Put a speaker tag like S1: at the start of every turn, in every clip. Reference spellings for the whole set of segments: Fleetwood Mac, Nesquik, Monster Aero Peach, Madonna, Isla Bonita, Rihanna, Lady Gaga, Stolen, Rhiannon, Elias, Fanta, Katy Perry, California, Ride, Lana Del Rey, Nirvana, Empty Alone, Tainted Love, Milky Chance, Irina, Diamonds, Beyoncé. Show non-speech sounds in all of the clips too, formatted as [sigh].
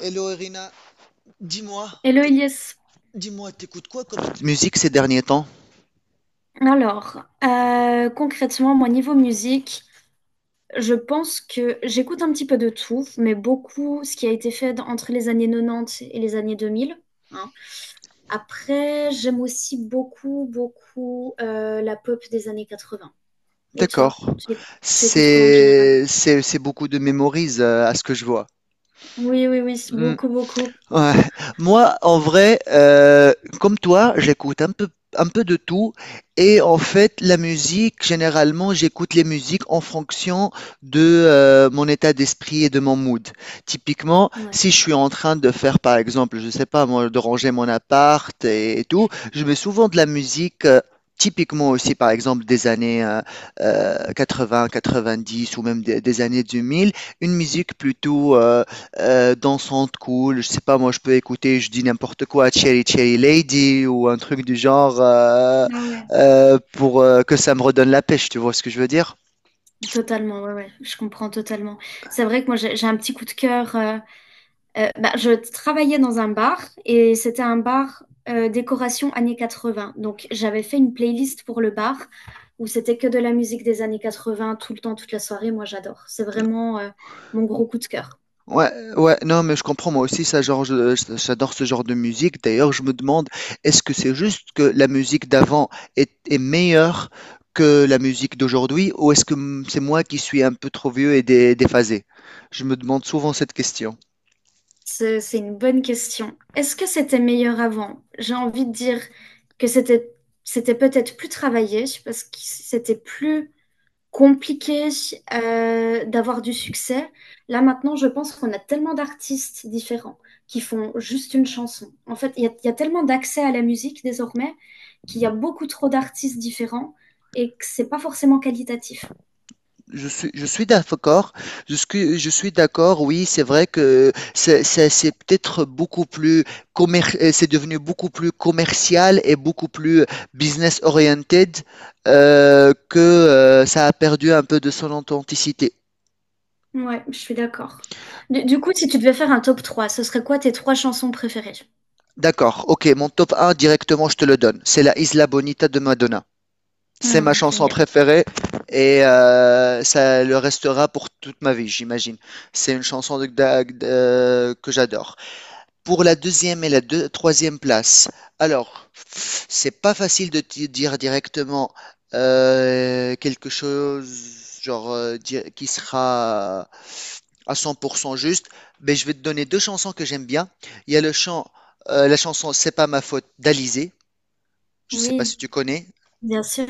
S1: Hello Irina, dis-moi,
S2: Hello
S1: t'éc-
S2: Elias.
S1: dis-moi, t'écoutes quoi comme musique ces derniers temps?
S2: Alors, concrètement, moi, niveau musique, je pense que j'écoute un petit peu de tout, mais beaucoup ce qui a été fait entre les années 90 et les années 2000, hein. Après, j'aime aussi beaucoup, beaucoup la pop des années 80. Et toi,
S1: D'accord.
S2: tu écoutes quoi en général?
S1: C'est beaucoup de mémorise à ce que je vois.
S2: Oui, oui, oui, c'est
S1: Hmm.
S2: beaucoup, beaucoup.
S1: Ouais. Moi, en vrai, comme toi, j'écoute un peu de tout. Et en fait, la musique, généralement, j'écoute les musiques en fonction de mon état d'esprit et de mon mood. Typiquement,
S2: Ouais.
S1: si je suis en train de faire, par exemple, je sais pas, moi, de ranger mon appart et tout, je mets souvent de la musique. Typiquement aussi, par exemple, des années 80, 90 ou même des années 2000, une musique plutôt dansante, cool. Je sais pas, moi, je peux écouter, je dis n'importe quoi, Cherry Cherry Lady ou un truc du genre
S2: Ah ouais.
S1: pour que ça me redonne la pêche, tu vois ce que je veux dire?
S2: Totalement, ouais, ouais, je comprends totalement. C'est vrai que moi, j'ai un petit coup de cœur. Je travaillais dans un bar, et c'était un bar, décoration années 80. Donc j'avais fait une playlist pour le bar où c'était que de la musique des années 80 tout le temps, toute la soirée. Moi j'adore. C'est vraiment mon gros coup de cœur.
S1: Ouais, ouais, non, mais je comprends, moi aussi, ça, genre, j'adore ce genre de musique. D'ailleurs, je me demande, est-ce que c'est juste que la musique d'avant est meilleure que la musique d'aujourd'hui ou est-ce que c'est moi qui suis un peu trop vieux et déphasé? Je me demande souvent cette question.
S2: C'est une bonne question. Est-ce que c'était meilleur avant? J'ai envie de dire que c'était peut-être plus travaillé parce que c'était plus compliqué d'avoir du succès. Là maintenant, je pense qu'on a tellement d'artistes différents qui font juste une chanson. En fait, il y a tellement d'accès à la musique désormais qu'il y a beaucoup trop d'artistes différents, et que c'est pas forcément qualitatif.
S1: Je suis d'accord. Je suis d'accord. Oui, c'est vrai que c'est peut-être beaucoup plus. Commer- c'est devenu beaucoup plus commercial et beaucoup plus business oriented, que ça a perdu un peu de son authenticité.
S2: Ouais, je suis d'accord. Du coup, si tu devais faire un top trois, ce serait quoi tes trois chansons préférées?
S1: D'accord. Ok, mon top un directement, je te le donne. C'est la Isla Bonita de Madonna. C'est
S2: Hmm,
S1: ma chanson
S2: génial.
S1: préférée et ça le restera pour toute ma vie, j'imagine. C'est une chanson que j'adore. Pour la deuxième et la troisième place. Alors, c'est pas facile de dire directement quelque chose genre qui sera à 100% juste, mais je vais te donner deux chansons que j'aime bien. Il y a la chanson C'est pas ma faute d'Alizé. Je sais pas si
S2: Oui,
S1: tu connais.
S2: bien sûr.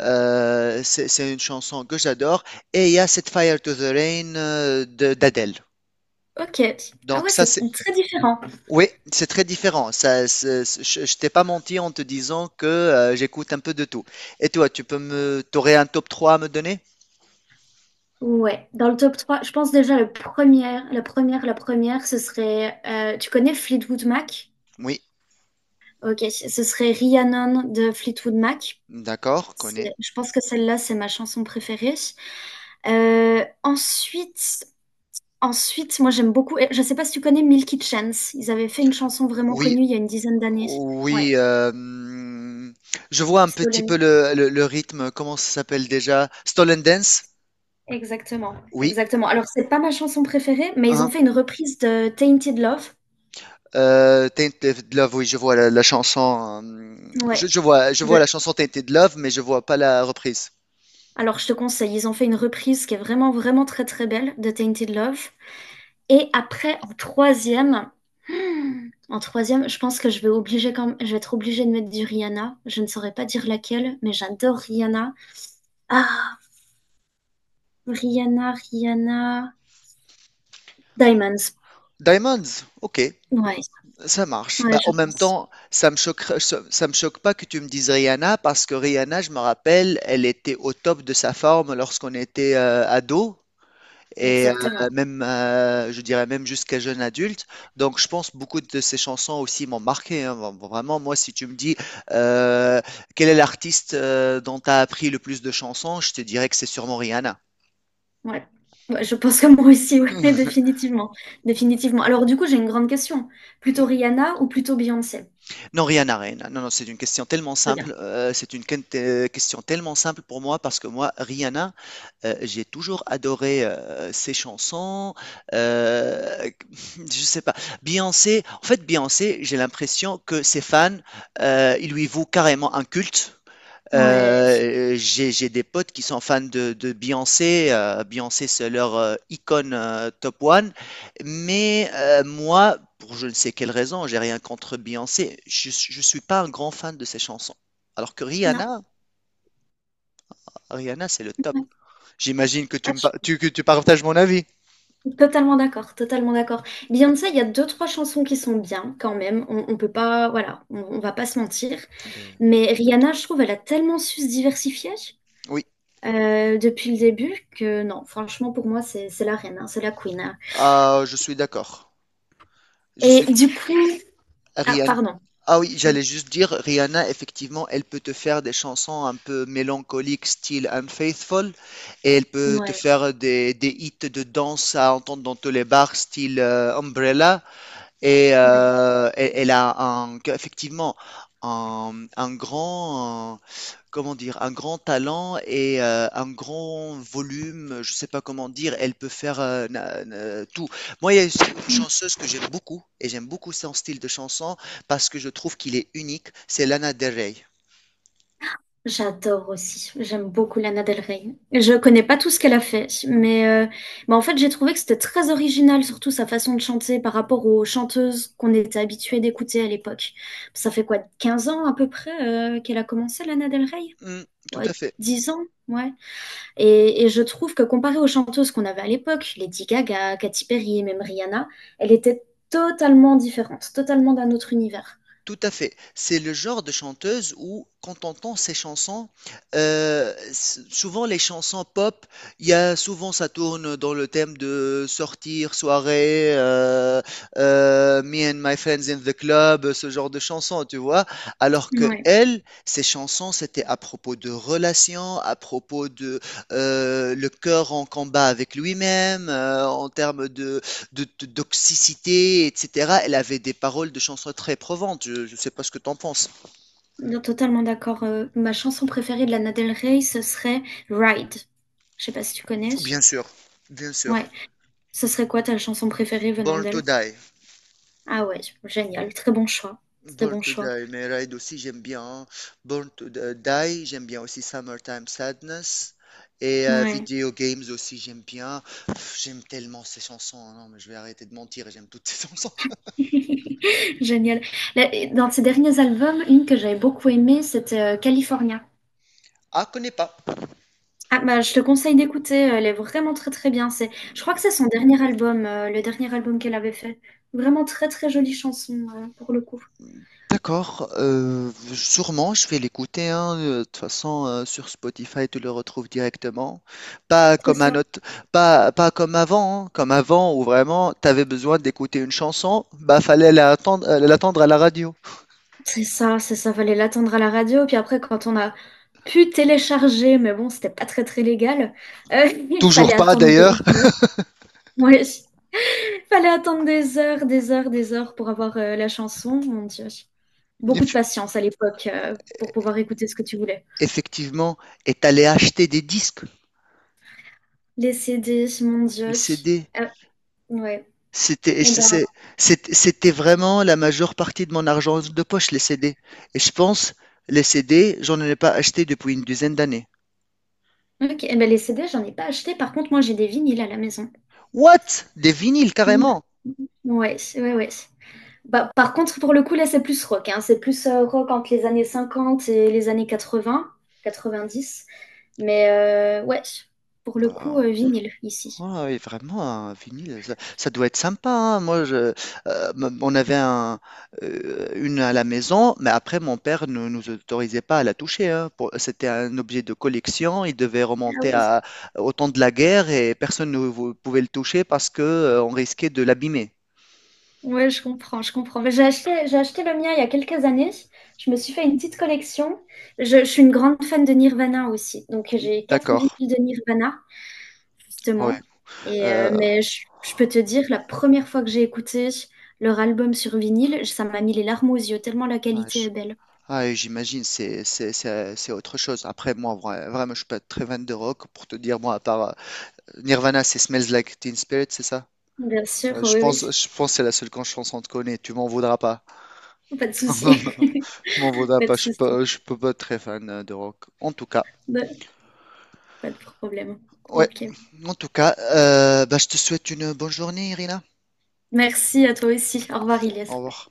S1: C'est une chanson que j'adore. Et il y a Set Fire to the Rain de d'Adèle.
S2: Ok. Ah
S1: Donc
S2: ouais,
S1: ça,
S2: c'est
S1: c'est
S2: très différent.
S1: Oui, c'est très différent. Ça, je t'ai pas menti en te disant que j'écoute un peu de tout. Et toi, t'aurais un top trois à me donner?
S2: Ouais, dans le top 3, je pense déjà le première, la première, la première, ce serait, tu connais Fleetwood Mac?
S1: Oui,
S2: Ok, ce serait Rhiannon de Fleetwood Mac.
S1: d'accord, connais.
S2: Je pense que celle-là, c'est ma chanson préférée. Euh, ensuite, ensuite, moi j'aime beaucoup, et je sais pas si tu connais Milky Chance, ils avaient fait une chanson vraiment
S1: Oui,
S2: connue il y a une dizaine d'années. Ouais,
S1: oui. Je vois un petit
S2: Stolen.
S1: peu le rythme. Comment ça s'appelle déjà? Stolen Dance?
S2: Exactement,
S1: Oui.
S2: exactement. Alors c'est pas ma chanson préférée, mais ils
S1: Hein.
S2: ont fait une reprise de Tainted Love.
S1: Tainted Love, oui, je vois la chanson. euh, Je,
S2: Ouais.
S1: je vois, je vois la chanson Tainted Love, mais je vois pas la reprise.
S2: Alors, je te conseille, ils ont fait une reprise qui est vraiment, vraiment très, très belle de Tainted Love. Et après, en troisième, en troisième, je pense que je vais obliger quand même, je vais être obligée de mettre du Rihanna. Je ne saurais pas dire laquelle, mais j'adore Rihanna. Ah, Rihanna, Rihanna, Diamonds.
S1: Diamonds, ok.
S2: Ouais,
S1: Ça marche.
S2: ouais,
S1: Bah,
S2: je
S1: en même
S2: pense.
S1: temps, ça me choquerait, ça me choque pas que tu me dises Rihanna parce que Rihanna, je me rappelle, elle était au top de sa forme lorsqu'on était ado et
S2: Exactement.
S1: je dirais même jusqu'à jeune adulte. Donc, je pense beaucoup de ses chansons aussi m'ont marqué. Hein. Vraiment, moi, si tu me dis euh, quel est l'artiste dont tu as appris le plus de chansons, je te dirais que c'est sûrement Rihanna.
S2: Ouais. Ouais, je pense que moi aussi, ouais, [laughs]
S1: [laughs]
S2: définitivement. Définitivement. Alors, du coup, j'ai une grande question. Plutôt Rihanna ou plutôt Beyoncé?
S1: Non, rien à rien. Non, non, c'est une question tellement
S2: Très
S1: simple.
S2: bien.
S1: C'est une question tellement simple pour moi parce que moi, Rihanna, j'ai toujours adoré ses chansons. Euh, [laughs] je sais pas. Beyoncé, en fait, Beyoncé, j'ai l'impression que ses fans, ils lui vouent carrément un culte.
S2: Ouais.
S1: J'ai des potes qui sont fans de Beyoncé. Beyoncé, c'est leur icône top one. Mais moi, pour je ne sais quelle raison, j'ai rien contre Beyoncé. Je suis pas un grand fan de ses chansons. Alors que
S2: Non.
S1: Rihanna, Rihanna, c'est le top.
S2: Ouais.
S1: J'imagine que tu
S2: Ah,
S1: me, par- tu, que tu partages mon avis.
S2: totalement d'accord, totalement d'accord. Beyoncé, il y a deux, trois chansons qui sont bien quand même. On peut pas, voilà, on va pas se mentir.
S1: Ben,
S2: Mais Rihanna, je trouve, elle a tellement su se diversifier
S1: oui,
S2: depuis le début que non, franchement, pour moi, c'est la reine, hein, c'est la queen, hein.
S1: ah, je suis d'accord. Je
S2: Et
S1: suis
S2: du coup, ah,
S1: Rihanna.
S2: pardon.
S1: Ah oui,
S2: Oui,
S1: j'allais juste dire, Rihanna, effectivement, elle peut te faire des chansons un peu mélancoliques, style Unfaithful, et elle peut te
S2: ouais,
S1: faire des hits de danse à entendre dans tous les bars, style Umbrella, et
S2: ouais.
S1: elle a un, effectivement un grand, comment dire, un grand talent et un grand volume, je sais pas comment dire, elle peut faire tout. Moi, il y a une chanteuse que j'aime beaucoup et j'aime beaucoup son style de chanson parce que je trouve qu'il est unique, c'est Lana Del Rey.
S2: J'adore aussi. J'aime beaucoup Lana Del Rey. Je connais pas tout ce qu'elle a fait,
S1: Mm,
S2: mais en fait, j'ai trouvé que c'était très original, surtout sa façon de chanter par rapport aux chanteuses qu'on était habitués d'écouter à l'époque. Ça fait quoi, 15 ans à peu près, qu'elle a commencé, Lana Del Rey?
S1: mm, tout à
S2: Ouais,
S1: fait.
S2: 10 ans, ouais. Et je trouve que comparé aux chanteuses qu'on avait à l'époque, Lady Gaga, Katy Perry, même Rihanna, elle était totalement différente, totalement d'un autre univers.
S1: Tout à fait. C'est le genre de chanteuse où, quand on entend ses chansons, souvent les chansons pop, il y a souvent ça tourne dans le thème de sortir, soirée, me and my friends in the club, ce genre de chansons, tu vois. Alors que elle, ses chansons, c'était à propos de relations, à propos de le cœur en combat avec lui-même, en termes de toxicité, etc. Elle avait des paroles de chansons très provantes. Je ne sais pas ce que tu en penses.
S2: Non, totalement d'accord. Ma chanson préférée de Lana Del Rey, ce serait Ride. Je sais pas si tu connais.
S1: Bien sûr, bien
S2: Ouais.
S1: sûr.
S2: Ce serait quoi ta chanson préférée venant
S1: Born to
S2: d'elle?
S1: Die.
S2: Ah ouais, génial. Très bon choix. Très
S1: Born
S2: bon
S1: to
S2: choix.
S1: Die. Mais Ride aussi, j'aime bien. Hein. Born to Die, j'aime bien aussi Summertime Sadness. Et
S2: Ouais.
S1: Video Games aussi, j'aime bien. Pff, j'aime tellement ces chansons. Hein. Non, mais je vais arrêter de mentir. J'aime toutes ces [laughs] chansons.
S2: [laughs] Génial. Là, dans ses derniers albums, une que j'avais beaucoup aimée, c'était California.
S1: Ah, connais pas.
S2: Ah bah je te conseille d'écouter, elle est vraiment très très bien. C'est, je crois que c'est son dernier album, le dernier album qu'elle avait fait. Vraiment très très jolie chanson pour le coup.
S1: D'accord, sûrement je vais l'écouter, hein, de toute façon sur Spotify tu le retrouves directement, pas
S2: C'est
S1: comme un
S2: ça.
S1: autre, pas comme avant, hein, comme avant où vraiment tu avais besoin d'écouter une chanson, bah fallait l'attendre, l'attendre à la radio.
S2: C'est ça, c'est ça, fallait l'attendre à la radio. Puis après, quand on a pu télécharger, mais bon, c'était pas très très légal, [laughs] il fallait
S1: Toujours pas
S2: attendre des
S1: d'ailleurs.
S2: heures. Ouais, il fallait attendre des heures, des heures, des heures pour avoir la chanson. Mon Dieu.
S1: [laughs]
S2: Beaucoup de
S1: Eff-
S2: patience à l'époque pour pouvoir écouter ce que tu voulais.
S1: Effectivement, et t'allais acheter des disques,
S2: Les CD, mon
S1: des
S2: Dieu.
S1: CD.
S2: Euh, ouais.
S1: C'était, et
S2: Eh ben,
S1: c'était vraiment la majeure partie de mon argent de poche, les CD. Et je pense, les CD, j'en ai pas acheté depuis une dizaine d'années.
S2: ok. Eh ben, les CD, j'en ai pas acheté. Par contre, moi, j'ai des vinyles à la maison.
S1: What? Des vinyles
S2: Ouf.
S1: carrément.
S2: Ouais, ouais, ouais. Bah, par contre, pour le coup, là, c'est plus rock, hein. C'est plus rock entre les années 50 et les années 80, 90. Mais ouais, pour le coup,
S1: Bah,
S2: vinyle ici.
S1: ouais, ouais, vraiment, un vinyle, ça doit être sympa. Hein. Moi, on avait une à la maison, mais après, mon père ne nous autorisait pas à la toucher. Hein. C'était un objet de collection. Il devait
S2: Ah
S1: remonter
S2: oui.
S1: au temps de la guerre et personne ne pouvait le toucher parce que, on risquait de l'abîmer.
S2: Ouais, je comprends, je comprends. Mais j'ai acheté le mien il y a quelques années. Je me suis fait une petite collection. Je suis une grande fan de Nirvana aussi. Donc, j'ai 4 vinyles
S1: D'accord.
S2: de Nirvana,
S1: Ouais.
S2: justement. Et,
S1: Euh,
S2: mais je peux te dire, la première fois que j'ai écouté leur album sur vinyle, ça m'a mis les larmes aux yeux, tellement la
S1: ouais,
S2: qualité est belle.
S1: ah, et j'imagine, c'est autre chose. Après, moi, vraiment, je suis pas très fan de rock pour te dire, moi, à part Nirvana, c'est Smells Like Teen Spirit, c'est ça?
S2: Bien sûr,
S1: Euh, Je
S2: oui,
S1: pense,
S2: oui.
S1: je pense que c'est la seule chanson que je connais. Tu m'en voudras pas.
S2: Pas de souci.
S1: [laughs] Tu m'en
S2: [laughs]
S1: voudras
S2: Pas de
S1: pas.
S2: souci.
S1: Je peux pas être très fan de rock. En tout cas,
S2: De- Pas de problème.
S1: ouais.
S2: Ok.
S1: En tout cas, bah, je te souhaite une bonne journée, Irina.
S2: Merci à toi aussi. Au revoir, Ilias.
S1: Au revoir.